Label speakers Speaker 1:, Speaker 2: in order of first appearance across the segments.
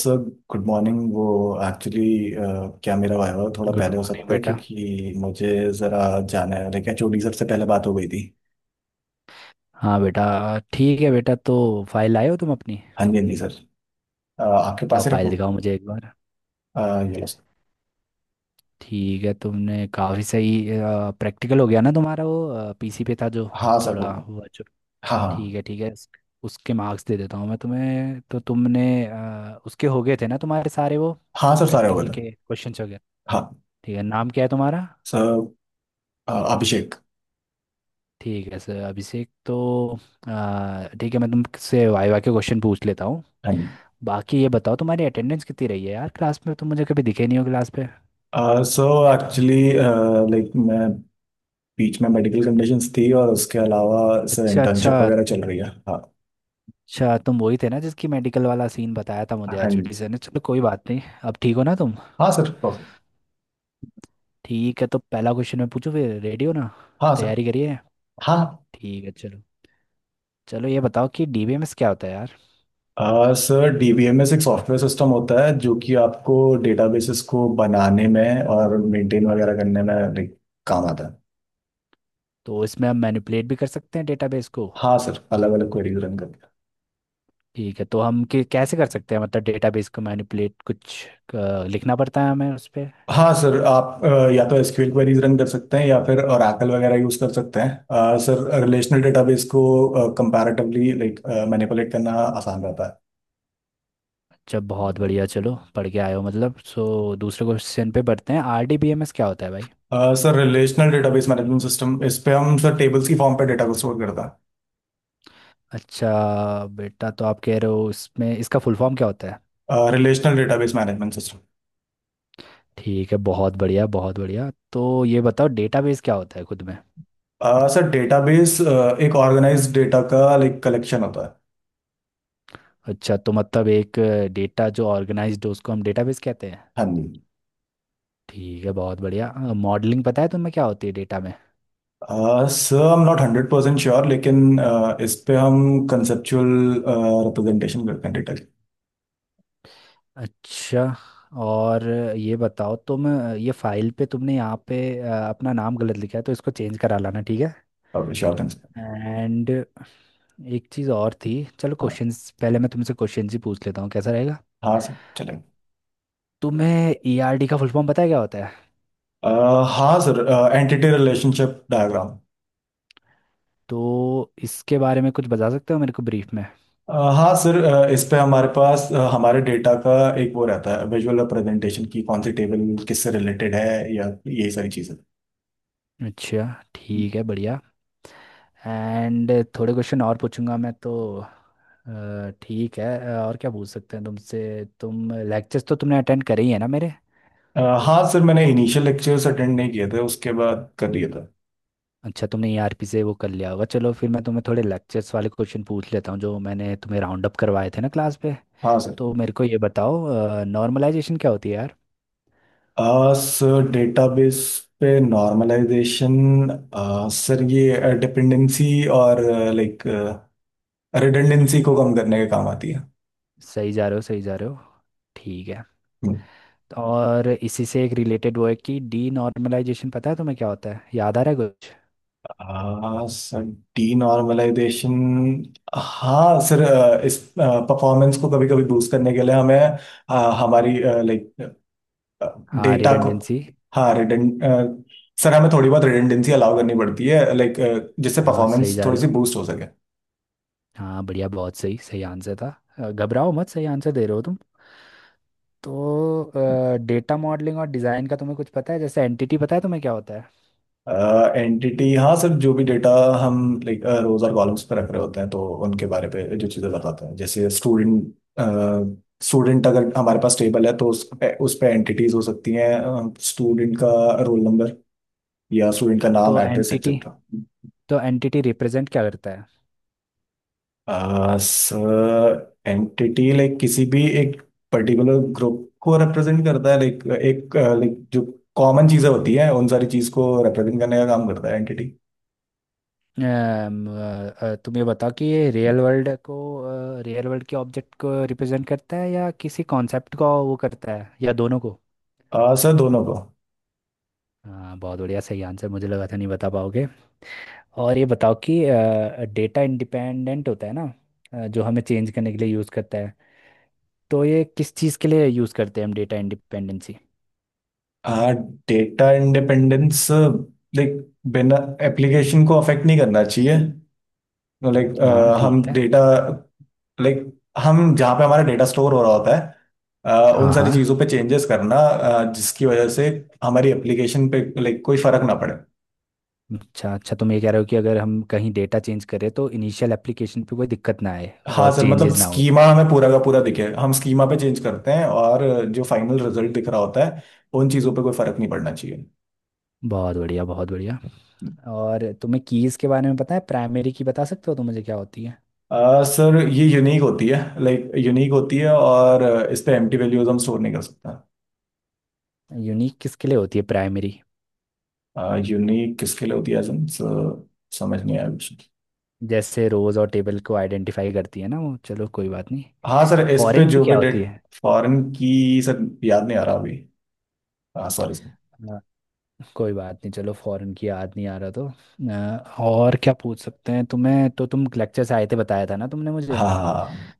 Speaker 1: Sir, good morning. वो actually क्या मेरा वाइवा थोड़ा
Speaker 2: गुड
Speaker 1: पहले हो
Speaker 2: मॉर्निंग
Speaker 1: सकता है,
Speaker 2: बेटा।
Speaker 1: क्योंकि मुझे ज़रा जाना है। लेकिन एचओडी सर से पहले बात हो गई थी।
Speaker 2: हाँ बेटा। ठीक है बेटा, तो फाइल लाए हो तुम अपनी?
Speaker 1: हाँ जी, हाँ जी सर। आपके पास
Speaker 2: लाओ
Speaker 1: ही
Speaker 2: फाइल
Speaker 1: रखूँ।
Speaker 2: दिखाओ मुझे एक बार।
Speaker 1: ये लो सर।
Speaker 2: ठीक है, तुमने काफ़ी सही प्रैक्टिकल हो गया ना तुम्हारा, वो पीसी पे था जो
Speaker 1: हाँ सर, हो
Speaker 2: थोड़ा
Speaker 1: गया।
Speaker 2: हुआ जो।
Speaker 1: हाँ
Speaker 2: ठीक
Speaker 1: हाँ।
Speaker 2: है ठीक है, उसके मार्क्स दे देता हूँ मैं तुम्हें। तो तुमने उसके हो गए थे ना तुम्हारे सारे वो
Speaker 1: हाँ सर, सारे हो गए
Speaker 2: प्रैक्टिकल
Speaker 1: थे।
Speaker 2: के क्वेश्चंस हो गए?
Speaker 1: हाँ
Speaker 2: ठीक है, नाम क्या है तुम्हारा?
Speaker 1: सर, अभिषेक।
Speaker 2: ठीक है सर अभिषेक, तो ठीक है मैं तुमसे वाइवा के क्वेश्चन पूछ लेता हूँ।
Speaker 1: हाँ जी।
Speaker 2: बाकी ये बताओ तुम्हारी अटेंडेंस कितनी रही है यार, क्लास में तुम मुझे कभी दिखे नहीं हो क्लास पे।
Speaker 1: सो एक्चुअली, लाइक मैं बीच में मेडिकल कंडीशंस थी, और उसके अलावा सर
Speaker 2: अच्छा अच्छा।
Speaker 1: इंटर्नशिप वगैरह चल रही है। हाँ।
Speaker 2: अच्छा तुम वही थे ना जिसकी मेडिकल वाला सीन बताया था मुझे
Speaker 1: हाँ
Speaker 2: एचओडी
Speaker 1: जी।
Speaker 2: सर ने, चलो कोई बात नहीं। अब ठीक हो ना तुम?
Speaker 1: हाँ सर।
Speaker 2: ठीक है, तो पहला क्वेश्चन मैं पूछूं फिर, रेडी हो ना?
Speaker 1: हाँ सर।
Speaker 2: तैयारी करिए।
Speaker 1: हाँ।
Speaker 2: ठीक है चलो। चलो ये बताओ कि डीबीएमएस क्या होता है यार।
Speaker 1: सर डीबीएमएस एक सॉफ्टवेयर सिस्टम होता है जो कि आपको डेटाबेसेस को बनाने में और मेंटेन वगैरह करने में काम आता है।
Speaker 2: तो इसमें हम मैनिपुलेट भी कर सकते हैं डेटाबेस को?
Speaker 1: हाँ सर, अलग अलग क्वेरीज रन करते
Speaker 2: ठीक है, तो हम कैसे कर सकते हैं मतलब डेटाबेस को मैनिपुलेट? कुछ लिखना पड़ता है हमें उस पर?
Speaker 1: हैं। हाँ सर, आप या तो एसक्यूएल क्वेरीज रन कर सकते हैं या फिर ओरेकल वगैरह यूज कर सकते हैं। सर, रिलेशनल डेटाबेस को कंपैरेटिवली लाइक मैनिपुलेट करना आसान रहता है।
Speaker 2: जब बहुत बढ़िया, चलो पढ़ के आए हो मतलब। सो दूसरे क्वेश्चन पे बढ़ते हैं, आरडीबीएमएस क्या होता है भाई?
Speaker 1: Sir relational database management system, इस पे हम सर टेबल्स की फॉर्म पे डेटा को स्टोर करता
Speaker 2: अच्छा बेटा, तो आप कह रहे हो इसमें, इसका फुल फॉर्म क्या होता है?
Speaker 1: है। Relational database management system.
Speaker 2: ठीक है बहुत बढ़िया बहुत बढ़िया। तो ये बताओ, डेटाबेस क्या होता है खुद में?
Speaker 1: सर डेटाबेस एक ऑर्गेनाइज्ड डेटा का लाइक कलेक्शन होता है।
Speaker 2: अच्छा, तो मतलब एक डेटा जो ऑर्गेनाइज्ड हो उसको हम डेटाबेस कहते हैं।
Speaker 1: हाँ जी।
Speaker 2: ठीक है बहुत बढ़िया। मॉडलिंग पता है तुम्हें क्या होती है डेटा में?
Speaker 1: Sir I am not 100% sure, लेकिन इस पे हम कंसेप्चुअल रिप्रेजेंटेशन करते हैं डेटा
Speaker 2: अच्छा। और ये बताओ तुम, ये फाइल पे तुमने यहाँ पे अपना नाम गलत लिखा है तो इसको चेंज करा लाना ठीक है?
Speaker 1: की। Sure thing sir.
Speaker 2: एंड एक चीज़ और थी। चलो
Speaker 1: हाँ।
Speaker 2: क्वेश्चंस पहले, मैं तुमसे क्वेश्चंस ही पूछ लेता हूँ, कैसा रहेगा?
Speaker 1: हाँ सर, चलेगा।
Speaker 2: तुम्हें ईआरडी का फुल फॉर्म पता है क्या होता है?
Speaker 1: हाँ सर, एंटिटी रिलेशनशिप डायग्राम।
Speaker 2: तो इसके बारे में कुछ बता सकते हो मेरे को ब्रीफ में?
Speaker 1: हाँ सर, इस पे हमारे पास हमारे डेटा का एक वो रहता है, विजुअल रिप्रेजेंटेशन की कौन सी टेबल किससे रिलेटेड है या यही सारी चीज़ें।
Speaker 2: अच्छा। ठीक है बढ़िया। एंड थोड़े क्वेश्चन और पूछूंगा मैं तो। ठीक है, और क्या पूछ सकते हैं तुमसे, तुम लेक्चर्स तो तुमने अटेंड करे ही है ना मेरे?
Speaker 1: हाँ सर, मैंने इनिशियल लेक्चर्स अटेंड नहीं किए थे, उसके बाद कर दिया था।
Speaker 2: अच्छा, तुमने ईआरपी से वो कर लिया होगा। चलो फिर मैं तुम्हें थोड़े लेक्चर्स वाले क्वेश्चन पूछ लेता हूँ जो मैंने तुम्हें राउंड अप करवाए थे ना क्लास पे।
Speaker 1: हाँ सर।
Speaker 2: तो मेरे को ये बताओ, नॉर्मलाइजेशन क्या होती है यार?
Speaker 1: सर डेटाबेस पे नॉर्मलाइजेशन, सर ये डिपेंडेंसी और लाइक रिडंडेंसी को कम करने के काम आती है।
Speaker 2: सही जा रहे हो सही जा रहे हो। ठीक है।
Speaker 1: हम्म।
Speaker 2: और इसी से एक रिलेटेड वो है कि डी नॉर्मलाइजेशन पता है तुम्हें क्या होता है, याद आ रहा है कुछ?
Speaker 1: Sir denormalisation. हाँ सर, इस परफॉर्मेंस को कभी कभी बूस्ट करने के लिए हमें हमारी लाइक
Speaker 2: हाँ
Speaker 1: डेटा को,
Speaker 2: रिडंडेंसी।
Speaker 1: हाँ रिडंड। सर हमें थोड़ी बहुत रिडंडेंसी अलाउ करनी पड़ती है, लाइक जिससे
Speaker 2: हाँ सही
Speaker 1: परफॉर्मेंस
Speaker 2: जा
Speaker 1: थोड़ी
Speaker 2: रहे
Speaker 1: सी
Speaker 2: हो।
Speaker 1: बूस्ट हो सके।
Speaker 2: हाँ बढ़िया, बहुत सही, सही आंसर था। घबराओ मत, सही आंसर दे रहे हो तुम। तो डेटा मॉडलिंग और डिज़ाइन का तुम्हें कुछ पता है, जैसे एंटिटी पता है तुम्हें क्या होता है?
Speaker 1: एंटिटी, हाँ सर, जो भी डेटा हम लाइक रोज और कॉलम्स पे रख रहे होते हैं, तो उनके बारे पे जो चीज़ें बताते हैं जैसे स्टूडेंट। स्टूडेंट, अगर हमारे पास टेबल है तो उस पे एंटिटीज हो सकती हैं। स्टूडेंट का रोल नंबर, या स्टूडेंट का नाम,
Speaker 2: तो
Speaker 1: एड्रेस
Speaker 2: एंटिटी,
Speaker 1: एक्सेट्रा।
Speaker 2: तो एंटिटी रिप्रेजेंट क्या करता है?
Speaker 1: सर एंटिटी लाइक किसी भी एक पर्टिकुलर ग्रुप को रिप्रेजेंट करता है, लाइक एक लाइक जो कॉमन चीज़ें होती हैं उन सारी चीज़ को रिप्रेजेंट करने का काम करता है एंटिटी।
Speaker 2: तुम ये बताओ कि ये रियल वर्ल्ड को, रियल वर्ल्ड के ऑब्जेक्ट को रिप्रेजेंट करता है या किसी कॉन्सेप्ट को वो करता है, या दोनों को?
Speaker 1: सर दोनों को।
Speaker 2: हाँ बहुत बढ़िया, सही आंसर, मुझे लगा था नहीं बता पाओगे। और ये बताओ कि डेटा इंडिपेंडेंट होता है ना, जो हमें चेंज करने के लिए यूज़ करता है, तो ये किस चीज़ के लिए यूज़ करते हैं हम, डेटा इंडिपेंडेंसी?
Speaker 1: हाँ। डेटा इंडिपेंडेंस, लाइक बिना एप्लीकेशन को अफेक्ट नहीं करना चाहिए, लाइक
Speaker 2: हाँ
Speaker 1: हम
Speaker 2: ठीक है।
Speaker 1: डेटा लाइक हम जहाँ पे हमारा डेटा स्टोर हो रहा होता है, उन
Speaker 2: हाँ
Speaker 1: सारी
Speaker 2: हाँ।
Speaker 1: चीज़ों पे चेंजेस करना, जिसकी वजह से हमारी एप्लीकेशन पे लाइक कोई फर्क ना पड़े।
Speaker 2: अच्छा अच्छा, तुम ये कह रहे हो कि अगर हम कहीं डेटा चेंज करें तो इनिशियल एप्लीकेशन पे कोई दिक्कत ना आए
Speaker 1: हाँ
Speaker 2: और
Speaker 1: सर, मतलब
Speaker 2: चेंजेस ना हो?
Speaker 1: स्कीमा हमें पूरा का पूरा दिखे, हम स्कीमा पे चेंज करते हैं और जो फाइनल रिजल्ट दिख रहा होता है उन चीज़ों पे कोई फर्क नहीं पड़ना चाहिए।
Speaker 2: बहुत बढ़िया बहुत बढ़िया। और तुम्हें कीज़ के बारे में पता है? प्राइमरी की बता सकते हो तो मुझे क्या होती है?
Speaker 1: सर ये यूनिक होती है, लाइक यूनिक होती है, और इस पे एम्प्टी वैल्यूज हम स्टोर नहीं कर सकता।
Speaker 2: यूनिक किसके लिए होती है प्राइमरी?
Speaker 1: यूनिक किसके लिए होती है, एजन समझ नहीं आया कुछ।
Speaker 2: जैसे रोज़ और टेबल को आइडेंटिफाई करती है ना वो, चलो कोई बात नहीं।
Speaker 1: हाँ सर, इस पे
Speaker 2: फॉरेन की
Speaker 1: जो भी
Speaker 2: क्या
Speaker 1: डेट।
Speaker 2: होती
Speaker 1: फॉरेन की सर याद नहीं आ रहा अभी। हाँ, सॉरी सर।
Speaker 2: है? कोई बात नहीं, चलो फॉरेन की याद नहीं आ रहा, तो और क्या पूछ सकते हैं, तुम्हें तो, तुम लेक्चर से आए थे बताया था ना तुमने मुझे।
Speaker 1: हाँ हाँ।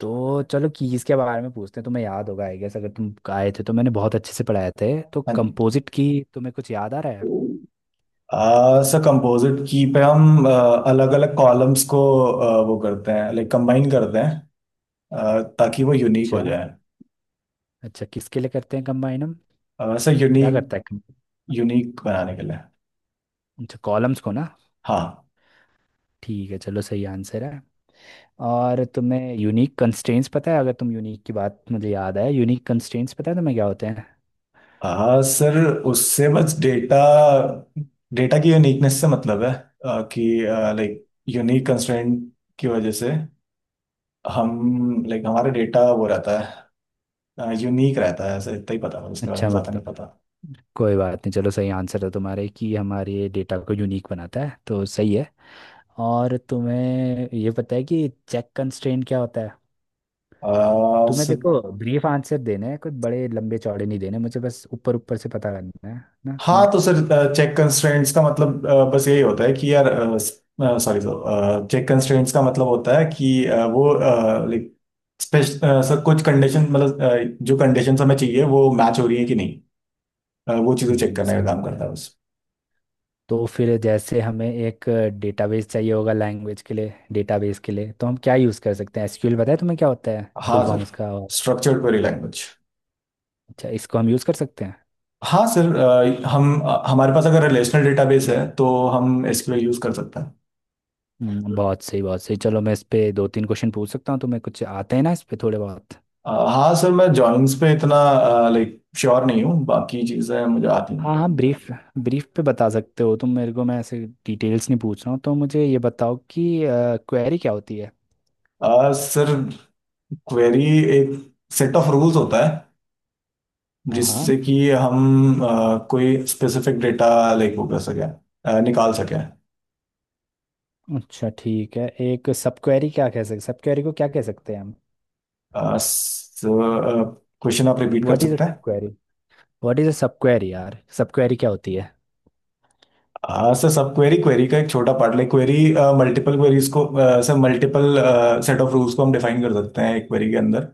Speaker 2: तो चलो कीज़ के बारे में पूछते हैं, तुम्हें याद होगा आई गेस, अगर तुम आए थे तो मैंने बहुत अच्छे से पढ़ाए थे। तो
Speaker 1: हाँ जी।
Speaker 2: कंपोजिट की तुम्हें कुछ याद आ रहा है?
Speaker 1: सर कंपोजिट की पे हम अलग अलग कॉलम्स को वो करते हैं, लाइक कंबाइन करते हैं, ताकि वो यूनिक हो
Speaker 2: अच्छा।
Speaker 1: जाए।
Speaker 2: अच्छा किसके लिए करते हैं कंबाइन हम?
Speaker 1: सर
Speaker 2: क्या
Speaker 1: यूनिक,
Speaker 2: करता है
Speaker 1: यूनिक बनाने के लिए।
Speaker 2: अच्छा कॉलम्स को ना?
Speaker 1: हाँ।
Speaker 2: ठीक है चलो, सही आंसर है। और तुम्हें यूनिक कंस्ट्रेंट्स पता है, अगर तुम यूनिक की बात मुझे याद है, यूनिक कंस्ट्रेंट्स पता है तुम्हें क्या होते हैं?
Speaker 1: हाँ सर, उससे बस डेटा, डेटा की यूनिकनेस से मतलब है, कि लाइक यूनिक कंस्ट्रेंट की वजह से हम लाइक हमारा डेटा वो रहता है, यूनिक रहता है, ऐसा, इतना ही पता है, उसके बारे
Speaker 2: अच्छा
Speaker 1: में ज़्यादा नहीं
Speaker 2: मतलब,
Speaker 1: पता।
Speaker 2: कोई बात नहीं, चलो सही आंसर है तुम्हारे कि हमारे डेटा को यूनिक बनाता है, तो सही है। और तुम्हें ये पता है कि चेक कंस्ट्रेंट क्या होता है? तुम्हें
Speaker 1: सर,
Speaker 2: देखो ब्रीफ आंसर देने हैं, कुछ बड़े लंबे चौड़े नहीं देने, मुझे बस ऊपर ऊपर से पता करना है ना
Speaker 1: हाँ
Speaker 2: सीन।
Speaker 1: तो सर, चेक कंस्ट्रेंट्स का मतलब बस यही होता है कि यार, सॉरी सर, चेक कंस्ट्रेंट्स का मतलब होता है कि वो लाइक स्पेश सर कुछ कंडीशन, मतलब जो कंडीशंस हमें चाहिए वो मैच हो रही है कि नहीं, वो चीज़ें चेक
Speaker 2: हम्म,
Speaker 1: करने का
Speaker 2: सही
Speaker 1: काम करता
Speaker 2: आंसर।
Speaker 1: है बस।
Speaker 2: तो फिर जैसे हमें एक डेटाबेस चाहिए होगा, लैंग्वेज के लिए, डेटाबेस के लिए तो हम क्या यूज़ कर सकते हैं? एसक्यूएल, बताया तुम्हें क्या होता है फुल
Speaker 1: हाँ
Speaker 2: फॉर्म
Speaker 1: सर,
Speaker 2: उसका, और
Speaker 1: स्ट्रक्चर्ड क्वेरी लैंग्वेज।
Speaker 2: अच्छा इसको हम यूज़ कर सकते हैं?
Speaker 1: हाँ सर, हम हमारे पास अगर रिलेशनल डेटाबेस है तो हम एसक्यूएल यूज़ कर सकते हैं।
Speaker 2: बहुत सही बहुत सही। चलो मैं इस पे दो तीन क्वेश्चन पूछ सकता हूँ तुम्हें, कुछ आते हैं ना इस पे थोड़े बहुत?
Speaker 1: हाँ सर, मैं जॉइंस पे इतना लाइक श्योर नहीं हूँ, बाकी चीज़ें मुझे आती हैं।
Speaker 2: हाँ हाँ ब्रीफ, ब्रीफ पे बता सकते हो तुम मेरे को, मैं ऐसे डिटेल्स नहीं पूछ रहा हूँ। तो मुझे ये बताओ कि क्वेरी क्या होती है?
Speaker 1: सर क्वेरी एक सेट ऑफ रूल्स होता है,
Speaker 2: हाँ हाँ।
Speaker 1: जिससे कि हम कोई स्पेसिफिक डेटा लाइक वो कर सकें, निकाल सकें।
Speaker 2: अच्छा ठीक है। एक सब क्वेरी क्या कह सकते, सब क्वेरी को क्या कह सकते हैं हम?
Speaker 1: क्वेश्चन आप रिपीट कर
Speaker 2: व्हाट इज अ
Speaker 1: सकते
Speaker 2: सब
Speaker 1: हैं?
Speaker 2: Query, what is a sub query यार, सब क्वेरी क्या होती है?
Speaker 1: हाँ सर, सब क्वेरी, क्वेरी का एक छोटा part, like query multiple queries को, sir multiple set of rules को हम डिफाइन कर सकते हैं एक क्वेरी के अंदर,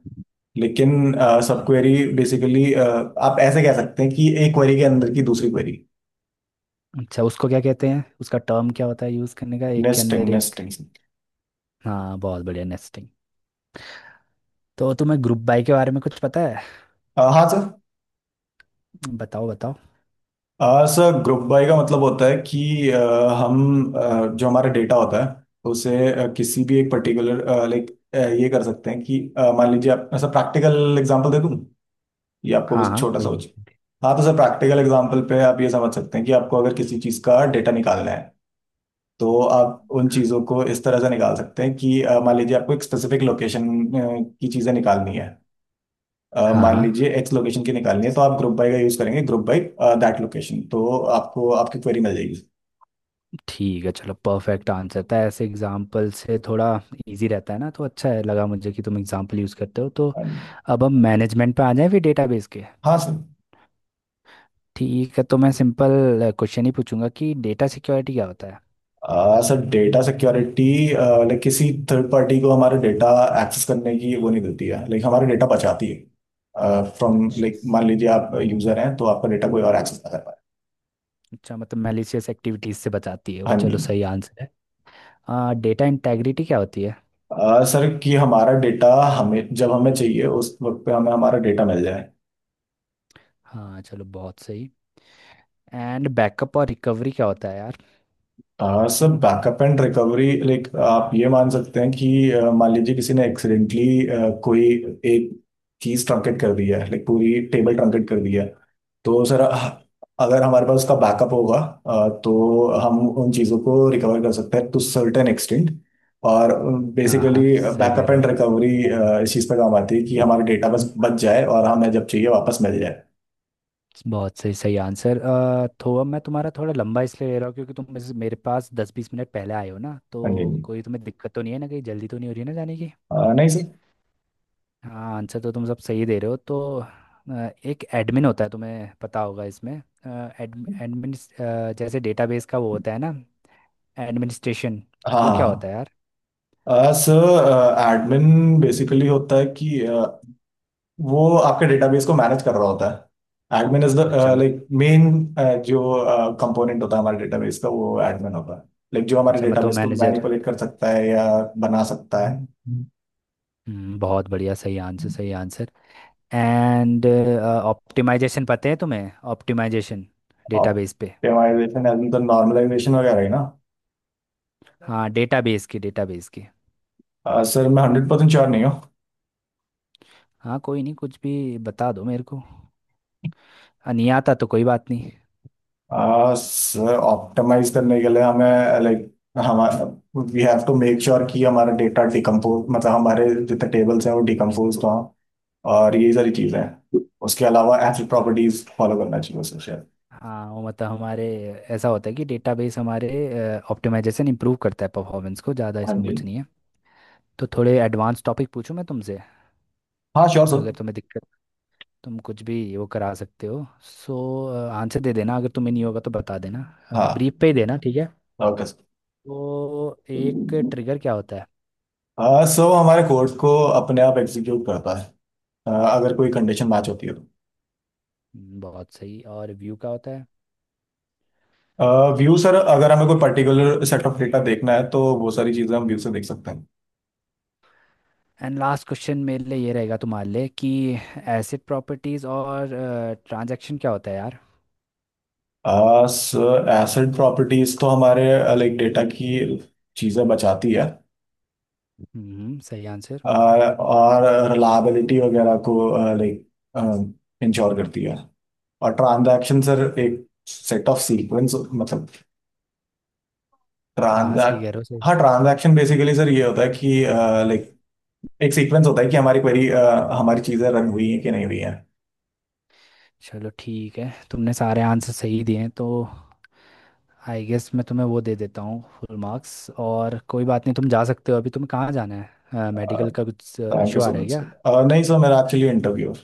Speaker 1: लेकिन सब क्वेरी बेसिकली आप ऐसे कह सकते हैं कि एक क्वेरी के अंदर की दूसरी क्वेरी।
Speaker 2: अच्छा उसको क्या कहते हैं, उसका टर्म क्या होता है यूज़ करने का, एक के
Speaker 1: नेस्टिंग,
Speaker 2: अंदर एक?
Speaker 1: नेस्टिंग।
Speaker 2: हाँ बहुत बढ़िया, नेस्टिंग। तो तुम्हें ग्रुप बाय के बारे में कुछ पता है?
Speaker 1: हाँ सर।
Speaker 2: बताओ बताओ।
Speaker 1: सर ग्रुप बाय का मतलब होता है कि, हम जो हमारा डेटा होता है उसे किसी भी एक पर्टिकुलर लाइक ये कर सकते हैं कि, मान लीजिए, आप ऐसा प्रैक्टिकल एग्जांपल दे दूं, ये आपको
Speaker 2: हाँ
Speaker 1: बस
Speaker 2: हाँ
Speaker 1: छोटा
Speaker 2: कोई
Speaker 1: सा
Speaker 2: बात-।
Speaker 1: हाँ तो सर, प्रैक्टिकल एग्जांपल पे आप ये समझ सकते हैं कि आपको अगर किसी चीज़ का डेटा निकालना है तो आप उन चीज़ों को इस तरह से निकाल सकते हैं कि, मान लीजिए आपको एक स्पेसिफिक लोकेशन की चीज़ें निकालनी है,
Speaker 2: हाँ
Speaker 1: मान
Speaker 2: हाँ।
Speaker 1: लीजिए एक्स लोकेशन की निकालनी है, तो आप ग्रुप बाय का यूज़ करेंगे, ग्रुप बाय दैट लोकेशन, तो आपको आपकी क्वेरी मिल जाएगी।
Speaker 2: ठीक है चलो, परफेक्ट आंसर था, ऐसे एग्जाम्पल से थोड़ा इजी रहता है ना, तो अच्छा है, लगा मुझे कि तुम एग्जाम्पल यूज़ करते हो तो। अब हम मैनेजमेंट पे आ जाएं फिर, डेटाबेस के।
Speaker 1: हाँ सर।
Speaker 2: ठीक है तो मैं सिंपल क्वेश्चन ही पूछूंगा कि डेटा सिक्योरिटी क्या होता है?
Speaker 1: सर डेटा सिक्योरिटी लाइक किसी थर्ड पार्टी को हमारा डेटा एक्सेस करने की वो नहीं देती है, लाइक हमारा डेटा बचाती है, फ्रॉम
Speaker 2: अच्छा
Speaker 1: लाइक
Speaker 2: स-
Speaker 1: मान लीजिए आप यूजर हैं तो आपका डेटा कोई और एक्सेस ना कर पाए।
Speaker 2: अच्छा मतलब मैलिशियस एक्टिविटीज़ से बचाती है वो,
Speaker 1: हाँ जी।
Speaker 2: चलो सही आंसर है। हाँ, डेटा इंटेग्रिटी क्या होती है?
Speaker 1: सर, कि हमारा डेटा हमें, जब हमें चाहिए उस वक्त पे हमें हमारा डेटा मिल जाए।
Speaker 2: हाँ चलो, बहुत सही। एंड बैकअप और रिकवरी क्या होता है यार?
Speaker 1: Sir backup and recovery, like आप ये मान सकते हैं कि, मान लीजिए किसी ने एक्सीडेंटली कोई एक चीज ट्रंकेट कर दी है, लाइक पूरी टेबल ट्रंकेट कर दी है, तो सर अगर हमारे पास उसका बैकअप होगा तो हम उन चीज़ों को रिकवर कर सकते हैं टू सर्टेन एक्सटेंट, और
Speaker 2: हाँ
Speaker 1: बेसिकली
Speaker 2: हाँ सही कह
Speaker 1: बैकअप
Speaker 2: रहे
Speaker 1: एंड
Speaker 2: हो।
Speaker 1: रिकवरी इस चीज़ पर काम आती है कि हमारा डेटा बस बच जाए और हमें जब चाहिए वापस मिल जाए।
Speaker 2: बहुत सही, सही आंसर। तो अब मैं तुम्हारा थोड़ा लंबा इसलिए ले रहा हूँ क्योंकि तुम मेरे मेरे पास 10 20 मिनट पहले आए हो ना, तो
Speaker 1: हाँ जी, हाँ जी।
Speaker 2: कोई तुम्हें दिक्कत तो नहीं है ना, कहीं जल्दी तो नहीं हो रही है ना जाने की?
Speaker 1: नहीं सर।
Speaker 2: हाँ, आंसर तो तुम सब सही दे रहे हो तो। एक एडमिन होता है, तुम्हें पता होगा इसमें, एडमिन, जैसे डेटाबेस का वो होता है ना, एडमिनिस्ट्रेशन,
Speaker 1: हाँ
Speaker 2: वो क्या होता
Speaker 1: हाँ।
Speaker 2: है यार?
Speaker 1: हाँ। सर एडमिन बेसिकली होता है कि वो आपके डेटाबेस को मैनेज कर रहा होता है, एडमिन इज द
Speaker 2: अच्छा मत
Speaker 1: लाइक मेन जो कंपोनेंट होता है हमारे डेटाबेस का, वो एडमिन होता है, लाइक जो हमारे
Speaker 2: अच्छा मतलब
Speaker 1: डेटाबेस को
Speaker 2: मैनेजर।
Speaker 1: मैनिपुलेट कर सकता है या बना सकता है।
Speaker 2: बहुत बढ़िया, सही आंसर सही आंसर। एंड ऑप्टिमाइजेशन पता है तुम्हें, ऑप्टिमाइजेशन, डेटाबेस पे?
Speaker 1: ऑप्टिमाइजेशन एंड द नॉर्मलाइजेशन वगैरह ही ना?
Speaker 2: हाँ डेटाबेस की, डेटाबेस की।
Speaker 1: सर मैं 100% श्योर नहीं हूँ।
Speaker 2: हाँ कोई नहीं, कुछ भी बता दो मेरे को, हाँ, नहीं आता तो कोई बात नहीं।
Speaker 1: सर ऑप्टिमाइज करने के लिए हमें लाइक हमारा, we have to make sure कि हमारा डेटा डिकम्पोज, मतलब हमारे जितने टेबल्स हैं वो डिकम्पोज हो, और यही सारी चीजें हैं। उसके अलावा एथनिक
Speaker 2: अच्छा।
Speaker 1: प्रॉपर्टीज फॉलो करना चाहिए उसे, शायद।
Speaker 2: हाँ वो मतलब हमारे, ऐसा होता है कि डेटाबेस हमारे, ऑप्टिमाइजेशन इंप्रूव करता है परफॉर्मेंस को ज़्यादा,
Speaker 1: हाँ
Speaker 2: इसमें
Speaker 1: जी।
Speaker 2: कुछ नहीं है। तो थोड़े एडवांस टॉपिक पूछूं मैं तुमसे,
Speaker 1: हाँ श्योर सर।
Speaker 2: अगर तुम्हें दिक्कत, तुम कुछ भी वो करा सकते हो। सो आंसर दे देना, अगर तुम्हें नहीं होगा तो बता देना,
Speaker 1: हाँ,
Speaker 2: ब्रीफ पे ही देना ठीक है?
Speaker 1: Okay sir.
Speaker 2: तो एक ट्रिगर क्या होता है?
Speaker 1: सो हमारे कोर्ट को अपने आप एग्जीक्यूट करता है, अगर कोई कंडीशन मैच होती है तो।
Speaker 2: बहुत सही। और व्यू क्या होता है?
Speaker 1: व्यू, सर अगर हमें कोई पर्टिकुलर सेट ऑफ डेटा देखना है तो वो सारी चीजें हम व्यू से देख सकते हैं।
Speaker 2: एंड लास्ट क्वेश्चन मेरे लिए ये रहेगा तुम्हारे लिए कि एसिड प्रॉपर्टीज और ट्रांजैक्शन क्या होता है यार?
Speaker 1: सर एसेट प्रॉपर्टीज तो हमारे लाइक डेटा की चीजें बचाती है,
Speaker 2: हम्म, सही आंसर।
Speaker 1: और रिलायबिलिटी वगैरह को लाइक uh, इंश्योर करती है। और ट्रांजैक्शन, सर एक सेट ऑफ सीक्वेंस, मतलब
Speaker 2: हाँ हाँ
Speaker 1: ट्रांजैक्ट।
Speaker 2: सही कह रहे हो सही।
Speaker 1: हाँ, ट्रांजैक्शन बेसिकली सर ये होता है कि लाइक एक सीक्वेंस होता है कि हमारी क्वेरी, हमारी चीज़ें रन हुई हैं कि नहीं हुई हैं।
Speaker 2: चलो ठीक है, तुमने सारे आंसर सही दिए हैं तो आई गेस मैं तुम्हें वो दे देता हूँ, फुल मार्क्स, और कोई बात नहीं, तुम जा सकते हो। अभी तुम्हें कहाँ जाना है, मेडिकल का कुछ
Speaker 1: थैंक यू
Speaker 2: इशू आ
Speaker 1: सो
Speaker 2: रहा है
Speaker 1: मच
Speaker 2: क्या?
Speaker 1: सर, नहीं सर मेरा एक्चुअली इंटरव्यू।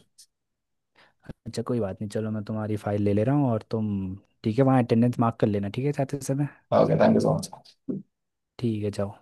Speaker 2: अच्छा कोई बात नहीं, चलो मैं तुम्हारी फाइल ले ले रहा हूँ, और तुम ठीक है वहाँ अटेंडेंस मार्क कर लेना ठीक है जाते समय।
Speaker 1: Okay, thank you so much.
Speaker 2: ठीक है जाओ।